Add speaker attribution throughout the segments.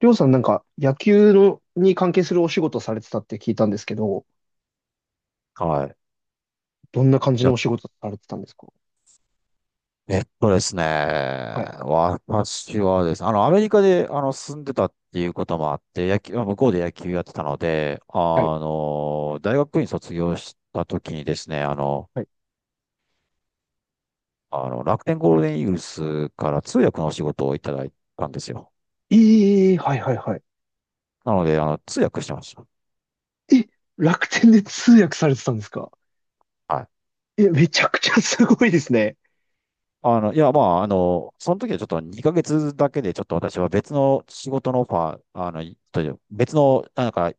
Speaker 1: りょうさんなんか野球のに関係するお仕事されてたって聞いたんですけど、
Speaker 2: はい。い
Speaker 1: どんな感じの
Speaker 2: や、
Speaker 1: お仕事されてたんですか？
Speaker 2: えっとですね。
Speaker 1: はい、
Speaker 2: 私はですね、アメリカで、住んでたっていうこともあって、野球、まあ向こうで野球やってたので、
Speaker 1: はい、
Speaker 2: 大学院卒業した時にですね、
Speaker 1: はい。
Speaker 2: 楽天ゴールデンイーグルスから通訳のお仕事をいただいたんですよ。
Speaker 1: ええ、はい、はい、はい。
Speaker 2: なので、通訳してました。
Speaker 1: え、楽天で通訳されてたんですか？
Speaker 2: はい。
Speaker 1: え、めちゃくちゃすごいですね。
Speaker 2: その時はちょっと2ヶ月だけで、ちょっと私は別の仕事のオファー、あの、いという別の、なんか、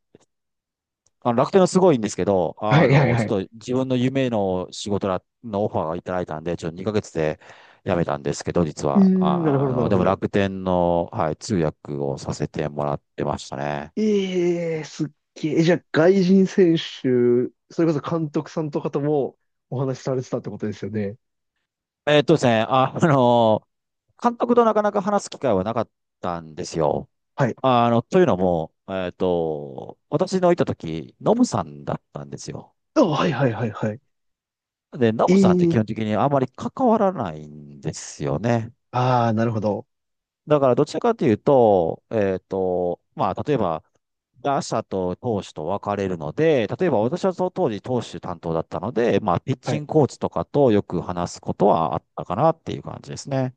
Speaker 2: あの楽天はすごいんですけど、
Speaker 1: はい、はい、は
Speaker 2: ち
Speaker 1: い。
Speaker 2: ょっと自分の夢の仕事らのオファーがいただいたんで、ちょっと2ヶ月で辞めたんですけど、実
Speaker 1: うー
Speaker 2: は。
Speaker 1: ん、なるほど、なるほ
Speaker 2: でも
Speaker 1: ど。
Speaker 2: 楽天の、はい、通訳をさせてもらってましたね。
Speaker 1: ええ、すっげえ。じゃあ、外人選手、それこそ監督さんとかともお話しされてたってことですよね。
Speaker 2: ですね、あの、監督となかなか話す機会はなかったんですよ。
Speaker 1: はい。
Speaker 2: というのも、私のいた時、ノブさんだったんですよ。
Speaker 1: あ、はい、はい、はい、はい。
Speaker 2: で、ノブさんって基
Speaker 1: ええ、
Speaker 2: 本的にあまり関わらないんですよね。
Speaker 1: ああー、なるほど。
Speaker 2: だからどちらかというと、例えば、打者と投手と分かれるので、例えば私はその当時投手担当だったので、まあ、ピッ
Speaker 1: は
Speaker 2: チン
Speaker 1: い。
Speaker 2: グコーチとかとよく話すことはあったかなっていう感じですね。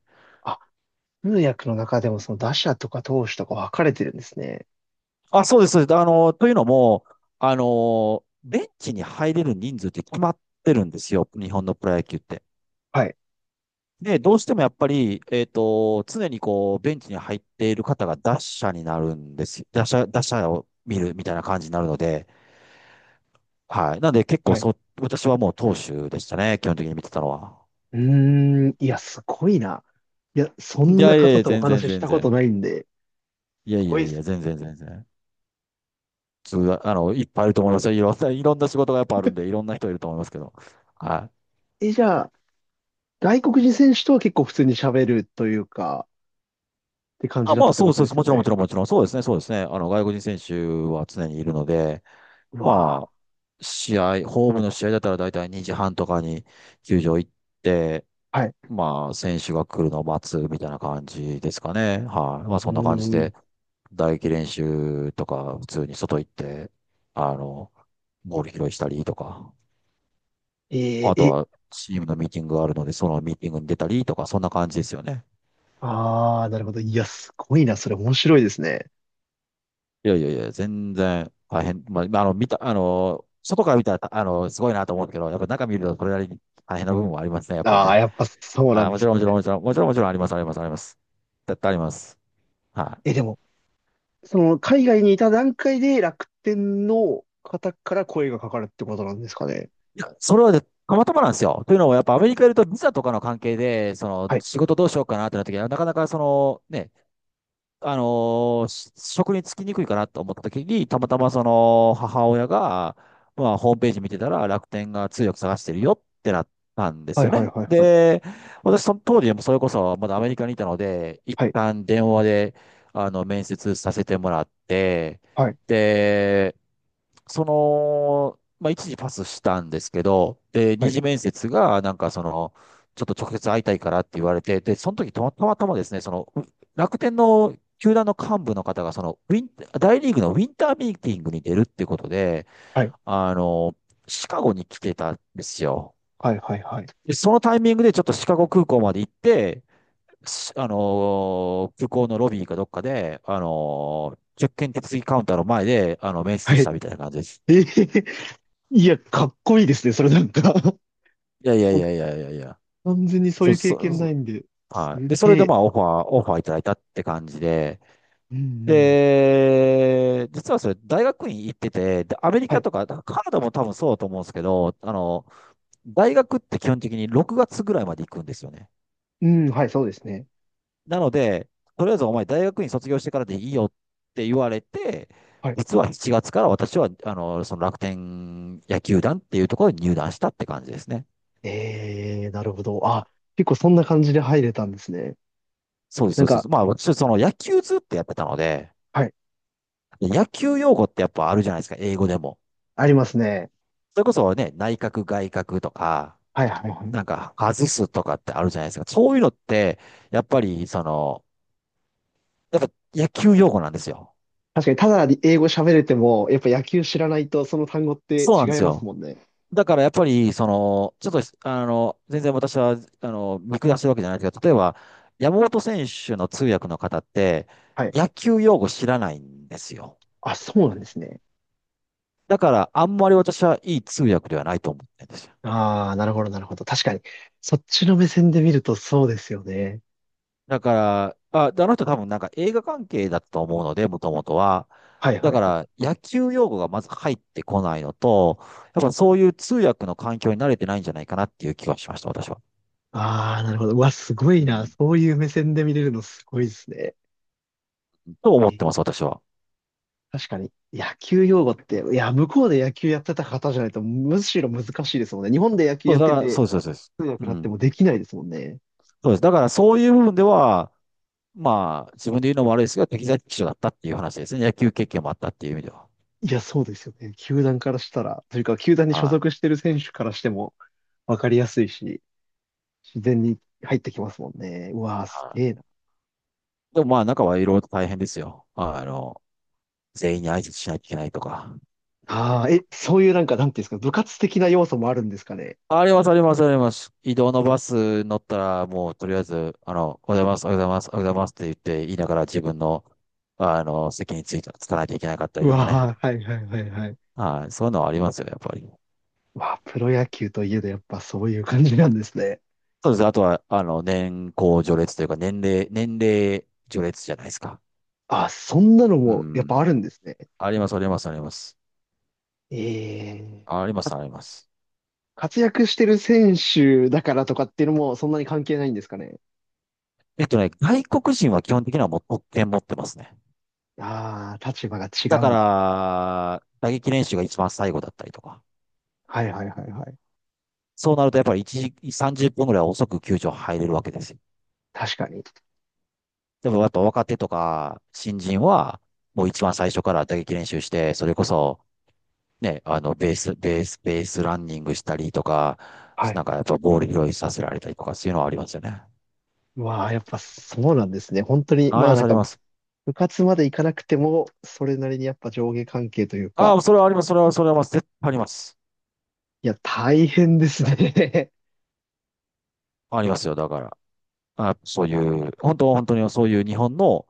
Speaker 1: 通訳の中でもその打者とか投手とか分かれてるんですね。
Speaker 2: あ、そうです、そうです。というのも、ベンチに入れる人数って決まってるんですよ、日本のプロ野球って。
Speaker 1: はい。
Speaker 2: で、どうしてもやっぱり、常にこう、ベンチに入っている方が打者になるんですよ。打者、打者を見るみたいな感じになるので、はい。なんで結構
Speaker 1: はい。
Speaker 2: そ、私はもう投手でしたね、基本的に見てたのは。
Speaker 1: うーん。いや、すごいな。いや、そ
Speaker 2: い
Speaker 1: んな
Speaker 2: やいやい
Speaker 1: 方
Speaker 2: や、
Speaker 1: とお
Speaker 2: 全然
Speaker 1: 話しし
Speaker 2: 全
Speaker 1: たこと
Speaker 2: 然。
Speaker 1: ないんで。す
Speaker 2: いやい
Speaker 1: ご
Speaker 2: や
Speaker 1: いで
Speaker 2: い
Speaker 1: す
Speaker 2: や、全然全然。つう、あの、いっぱいいると思いますよ。いろんな、いろんな仕事がやっぱあるんで、いろんな人いると思いますけど。はい。
Speaker 1: ね。え、じゃあ、外国人選手とは結構普通に喋るというか、って感じ
Speaker 2: あ、
Speaker 1: だっ
Speaker 2: ま
Speaker 1: た
Speaker 2: あ、
Speaker 1: って
Speaker 2: そ
Speaker 1: こ
Speaker 2: う
Speaker 1: と
Speaker 2: そう
Speaker 1: で
Speaker 2: そう、
Speaker 1: す
Speaker 2: も
Speaker 1: よ
Speaker 2: ちろんも
Speaker 1: ね。
Speaker 2: ちろんもちろん、そうですね、そうですね。外国人選手は常にいるので、
Speaker 1: うわ
Speaker 2: まあ、試合、ホームの試合だったら大体2時半とかに球場行って、
Speaker 1: ー。はい。
Speaker 2: まあ、選手が来るのを待つみたいな感じですかね。はい。まあ、
Speaker 1: うー
Speaker 2: そんな感じ
Speaker 1: ん。
Speaker 2: で。打撃練習とか、普通に外行って、あの、ボール拾いしたりとか、
Speaker 1: えー、
Speaker 2: あと
Speaker 1: え、
Speaker 2: はチームのミーティングがあるので、そのミーティングに出たりとか、そんな感じですよね。
Speaker 1: あー、なるほど。いや、すごいな。それ面白いですね。
Speaker 2: いやいやいや、全然大変。まあ、あの、見た、あの、外から見たら、すごいなと思うけど、やっぱ中見るとそれなりに大変な部分もありますね、やっぱり
Speaker 1: あー、
Speaker 2: ね。
Speaker 1: やっぱそうな
Speaker 2: あ、
Speaker 1: ん
Speaker 2: も
Speaker 1: で
Speaker 2: ち
Speaker 1: す
Speaker 2: ろん、もちろん、
Speaker 1: ね。
Speaker 2: もちろん、もちろん、もちろんあります、あります、あります。絶対あります。は
Speaker 1: え、でも、海外にいた段階で楽天の方から声がかかるってことなんですかね。
Speaker 2: い。それはね、たまたまなんですよ。というのも、やっぱアメリカいるとビザとかの関係で、その
Speaker 1: はい。
Speaker 2: 仕事どうしようかなってなった時は、なかなかそのね、あのーし職に就きにくいかなと思った時に、たまたまその母親が、まあ、ホームページ見てたら楽天が通訳探してるよってなったんです
Speaker 1: はい
Speaker 2: よ
Speaker 1: はい
Speaker 2: ね。
Speaker 1: はいはい。
Speaker 2: で、私その当時もそれこそまだアメリカにいたので、一
Speaker 1: はい。
Speaker 2: 旦電話で面接させてもらって、
Speaker 1: はい。
Speaker 2: で、その、まあ、一時パスしたんですけど、で、
Speaker 1: は
Speaker 2: 二
Speaker 1: い。
Speaker 2: 次面接が、なんかその、ちょっと直接会いたいからって言われて、で、その時たまたまですね、楽天の球団の幹部の方が、その、ウィン、大リーグのウィンターミーティングに出るってことで、
Speaker 1: はい。
Speaker 2: あの、シカゴに来てたんですよ。
Speaker 1: はいはいはい。
Speaker 2: で、そのタイミングでちょっとシカゴ空港まで行って、しあのー空港のロビーかどっかで、チェックイン手続きカウンターの前で、面
Speaker 1: は
Speaker 2: 接
Speaker 1: い。
Speaker 2: し
Speaker 1: え
Speaker 2: たみたいな感じです。
Speaker 1: ー、いや、かっこいいですね。それなんか
Speaker 2: いやいやい
Speaker 1: 僕
Speaker 2: やいやいやいや。
Speaker 1: 完全にそうい
Speaker 2: そ、
Speaker 1: う経
Speaker 2: そ、
Speaker 1: 験ない
Speaker 2: そ
Speaker 1: んで。す
Speaker 2: はい。で、それ
Speaker 1: げ
Speaker 2: で
Speaker 1: え。
Speaker 2: まあオファー、オファーいただいたって感じで。
Speaker 1: うんうん。
Speaker 2: で、実はそれ大学院行ってて、で、アメリ
Speaker 1: は
Speaker 2: カ
Speaker 1: い。
Speaker 2: とか、カナダも多分そうだと思うんですけど、大学って基本的に6月ぐらいまで行くんですよね。
Speaker 1: うん、はい、そうですね。
Speaker 2: なので、とりあえずお前大学院卒業してからでいいよって言われて、
Speaker 1: はい。
Speaker 2: 実は7月から私は、その楽天野球団っていうところに入団したって感じですね。
Speaker 1: えー、なるほど。
Speaker 2: は
Speaker 1: あ、
Speaker 2: い、
Speaker 1: 結構そんな感じで入れたんですね。
Speaker 2: そうです、
Speaker 1: な
Speaker 2: そ
Speaker 1: ん
Speaker 2: うで
Speaker 1: か、
Speaker 2: す。まあ私、その野球ずっとやってたので、
Speaker 1: はい。
Speaker 2: 野球用語ってやっぱあるじゃないですか、英語でも。
Speaker 1: ありますね。
Speaker 2: それこそね、内角外角とか、
Speaker 1: はいはいはい。
Speaker 2: なんか外すとかってあるじゃないですか。そういうのって、やっぱりその、やっぱ野球用語なんですよ。
Speaker 1: 確かに、ただ英語喋れても、やっぱ野球知らないと、その単語って
Speaker 2: そうな
Speaker 1: 違
Speaker 2: んで
Speaker 1: い
Speaker 2: す
Speaker 1: ます
Speaker 2: よ。
Speaker 1: もんね。
Speaker 2: だからやっぱり、その、ちょっと、あの、全然私は、見下してるわけじゃないですけど、例えば、山本選手の通訳の方って、
Speaker 1: はい。
Speaker 2: 野球用語知らないんですよ。
Speaker 1: あ、そうなんですね。
Speaker 2: だから、あんまり私はいい通訳ではないと思ってるんですよ。
Speaker 1: ああ、なるほど、なるほど。確かに。そっちの目線で見るとそうですよね。
Speaker 2: だから、あ、であの人多分なんか映画関係だったと思うので、もともとは。
Speaker 1: はい
Speaker 2: だ
Speaker 1: はい
Speaker 2: か
Speaker 1: はい。
Speaker 2: ら野球用語がまず入ってこないのと、やっぱそういう通訳の環境に慣れてないんじゃないかなっていう気がしました、私は。
Speaker 1: ああ、なるほど。うわ、すご
Speaker 2: う
Speaker 1: いな。
Speaker 2: ん。
Speaker 1: そういう目線で見れるのすごいですね。
Speaker 2: と思っ
Speaker 1: え、
Speaker 2: てます、私は。
Speaker 1: 確かに、野球用語って、いや、向こうで野球やってた方じゃないと、むしろ難しいですもんね。日本で野球
Speaker 2: そ
Speaker 1: や
Speaker 2: う、
Speaker 1: っ
Speaker 2: だ
Speaker 1: て
Speaker 2: から、そ
Speaker 1: て、
Speaker 2: うです、そうです。そうです。
Speaker 1: 通
Speaker 2: う
Speaker 1: 訳になって
Speaker 2: ん。
Speaker 1: もできないですもんね。
Speaker 2: そうです。だからそういう部分では、まあ、自分で言うのも悪いですが、適材適所だったっていう話ですね。野球経験もあったっていう意味では。
Speaker 1: いや、そうですよね。球団からしたら、というか、球団に所
Speaker 2: は
Speaker 1: 属し
Speaker 2: い。
Speaker 1: てる選手からしても、わかりやすいし、自然に入ってきますもんね。うわー、す
Speaker 2: は
Speaker 1: げえな。
Speaker 2: い。でもまあ、中はいろいろと大変ですよ。全員に挨拶しないといけないとか。
Speaker 1: ああ、え、そういうなんか、なんていうんですか、部活的な要素もあるんですかね。
Speaker 2: あります、あります、あります。移動のバス乗ったら、もうとりあえず、おはようございます、おはようございます、おはようございますって言って、言いながら自分の、あの、席についた、つかなきゃいけなかったり
Speaker 1: う
Speaker 2: とかね。
Speaker 1: わー、はいはいはいはい。
Speaker 2: はい、そういうのはありますよ、やっぱり。
Speaker 1: わあ、プロ野球といえどやっぱそういう感じなんですね。
Speaker 2: そうですね。あとは、年功序列というか、年齢序列じゃないですか。
Speaker 1: あ、そんなの
Speaker 2: う
Speaker 1: もやっ
Speaker 2: ん。
Speaker 1: ぱあるんですね。
Speaker 2: あります、あります、あります。
Speaker 1: ええ。
Speaker 2: あります、あります。
Speaker 1: 活躍してる選手だからとかっていうのもそんなに関係ないんですかね。
Speaker 2: えっとね、外国人は基本的にはもう特権持ってますね。
Speaker 1: ああ、立場が違
Speaker 2: だ
Speaker 1: う
Speaker 2: か
Speaker 1: んです。
Speaker 2: ら、打撃練習が一番最後だったりとか。
Speaker 1: はいはいはいはい。
Speaker 2: そうなるとやっぱり1時、30分ぐらい遅く球場入れるわけですよ。
Speaker 1: 確かに。
Speaker 2: でもやっぱ若手とか新人は、もう一番最初から打撃練習して、それこそ、ね、ベースランニングしたりとか、
Speaker 1: はい。
Speaker 2: なんかやっぱボール拾いさせられたりとか、そういうのはありますよね。
Speaker 1: まあ、やっぱそうなんですね。本当に、
Speaker 2: あ
Speaker 1: ま
Speaker 2: り
Speaker 1: あ、
Speaker 2: ま
Speaker 1: な
Speaker 2: す、
Speaker 1: ん
Speaker 2: あり
Speaker 1: か
Speaker 2: ます。
Speaker 1: 部活まで行かなくても、それなりにやっぱ上下関係という
Speaker 2: あ
Speaker 1: か、
Speaker 2: あ、それはあります、それはあります。絶対あります。
Speaker 1: いや、大変ですね。
Speaker 2: ありますよ、だから。あ、そういう、本当、本当にそういう日本の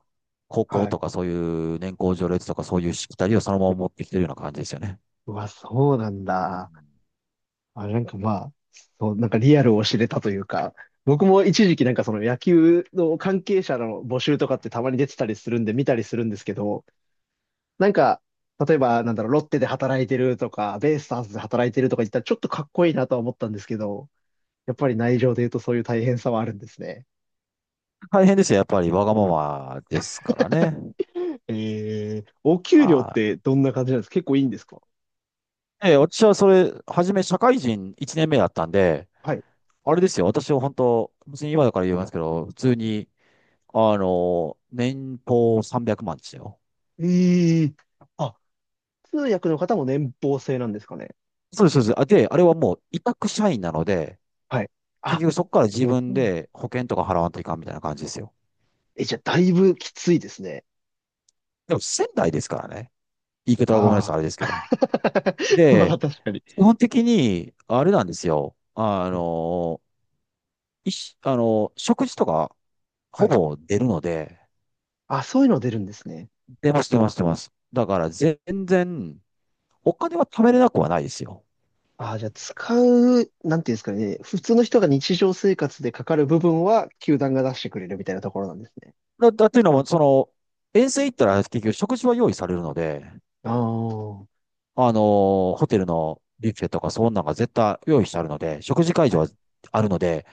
Speaker 2: 高
Speaker 1: は
Speaker 2: 校
Speaker 1: い。
Speaker 2: とかそういう年功序列とかそういうしきたりをそのまま持ってきてるような感じですよね。
Speaker 1: うわ、そうなん
Speaker 2: うん、
Speaker 1: だ。あ、なんかまあ、そう、なんかリアルを知れたというか、僕も一時期なんかその野球の関係者の募集とかってたまに出てたりするんで見たりするんですけど、なんか、例えばなんだろう、ロッテで働いてるとか、ベイスターズで働いてるとか言ったらちょっとかっこいいなとは思ったんですけど、やっぱり内情で言うとそういう大変さはあるんですね。
Speaker 2: 大変ですよ。やっぱりわがままですからね。
Speaker 1: お給料っ
Speaker 2: は
Speaker 1: てどんな感じなんですか？結構いいんですか？
Speaker 2: い。え、私はそれ、初め社会人1年目だったんで、
Speaker 1: はい。
Speaker 2: あれですよ。私は本当、別に今だから言いますけど、普通に、年俸300万ですよ。
Speaker 1: ええ、あ、通訳の方も年俸制なんですかね？
Speaker 2: そうです、そうです。あれはもう委託社員なので、
Speaker 1: はい。
Speaker 2: 結
Speaker 1: あ、
Speaker 2: 局そこから自分
Speaker 1: そうなん
Speaker 2: で保険とか払わんといかんみたいな感じですよ。
Speaker 1: え、じゃあ、だいぶきついですね。
Speaker 2: でも仙台ですからね。言い方はごめんなさい、
Speaker 1: あ
Speaker 2: あれです
Speaker 1: あ。
Speaker 2: けど。
Speaker 1: まあ、
Speaker 2: で、
Speaker 1: 確かに。
Speaker 2: 基本的に、あれなんですよ。あ
Speaker 1: はい
Speaker 2: の、いし、あの、食事とか
Speaker 1: は
Speaker 2: ほ
Speaker 1: い。
Speaker 2: ぼ出るので、
Speaker 1: あ、そういうの出るんですね。
Speaker 2: 出ます、出ます、出ます。だから全然、お金は貯めれなくはないですよ。
Speaker 1: ああ、じゃあ、使う、なんていうんですかね。普通の人が日常生活でかかる部分は、球団が出してくれるみたいなところなんですね。
Speaker 2: だっていうのも、その、遠征行ったら結局食事は用意されるので、
Speaker 1: ああ。は
Speaker 2: あのホテルのビュッフェとかそんなんが絶対用意してあるので、食事会場は
Speaker 1: い
Speaker 2: あるので、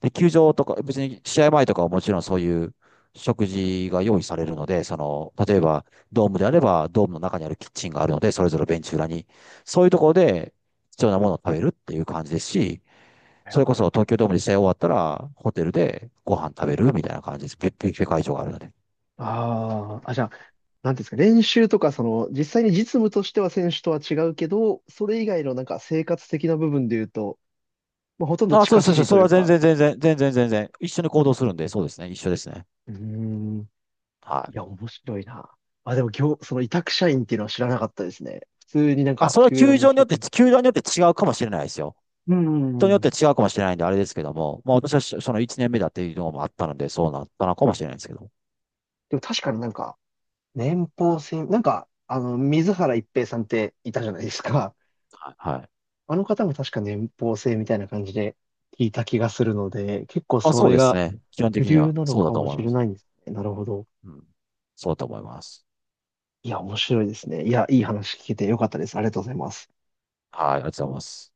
Speaker 2: で、球場とか、別に試合前とかはもちろんそういう食事が用意されるので、その、例えばドームであれば、ドームの中にあるキッチンがあるので、それぞれベンチ裏に、そういうところで必要なものを食べるっていう感じですし、
Speaker 1: はい
Speaker 2: そ
Speaker 1: はい。
Speaker 2: れこそ東京ドームで試合終わったら、ホテルでご飯食べるみたいな感じです。別ビュッフェ会場があるので。
Speaker 1: ああ。あ、じゃあ、なんていうんですか、練習とか、実際に実務としては選手とは違うけど、それ以外のなんか生活的な部分で言うと、まあ、ほとんど
Speaker 2: あ、そうで
Speaker 1: 近
Speaker 2: す、そう
Speaker 1: し
Speaker 2: で
Speaker 1: い
Speaker 2: す。そ
Speaker 1: と
Speaker 2: れ
Speaker 1: い
Speaker 2: は
Speaker 1: う
Speaker 2: 全
Speaker 1: か、
Speaker 2: 然、全然、全然、全然。一緒に行動するんで、そうですね。一緒ですね。
Speaker 1: うーん、
Speaker 2: は
Speaker 1: いや、
Speaker 2: い。
Speaker 1: 面白いな。あ、でも今日、その委託社員っていうのは知らなかったですね。普通になん
Speaker 2: あ、
Speaker 1: か、
Speaker 2: それは
Speaker 1: 球
Speaker 2: 球
Speaker 1: 団の
Speaker 2: 場によっ
Speaker 1: 職
Speaker 2: て、
Speaker 1: 員。
Speaker 2: 球場によって違うかもしれないですよ。
Speaker 1: う
Speaker 2: 人によっ
Speaker 1: ん。
Speaker 2: て違うかもしれないんで、あれですけども、まあ私はその1年目だっていうのもあったので、そうなったのかもしれないですけど。
Speaker 1: でも確かになんか、年俸制、なんか、あの、水原一平さんっていたじゃないですか。
Speaker 2: はい。はい。
Speaker 1: あの方も確か年俸制みたいな感じで聞いた気がするので、結構
Speaker 2: まあ
Speaker 1: そ
Speaker 2: そう
Speaker 1: れ
Speaker 2: です
Speaker 1: が
Speaker 2: ね。基本
Speaker 1: 主
Speaker 2: 的に
Speaker 1: 流
Speaker 2: は
Speaker 1: なの
Speaker 2: そうだ
Speaker 1: か
Speaker 2: と
Speaker 1: も
Speaker 2: 思い
Speaker 1: し
Speaker 2: ま
Speaker 1: れ
Speaker 2: す。
Speaker 1: ないんですね。なるほど。
Speaker 2: うん。そうだと思います。
Speaker 1: いや、面白いですね。いや、いい話聞けてよかったです。ありがとうございます。
Speaker 2: はい。ありがとうございます。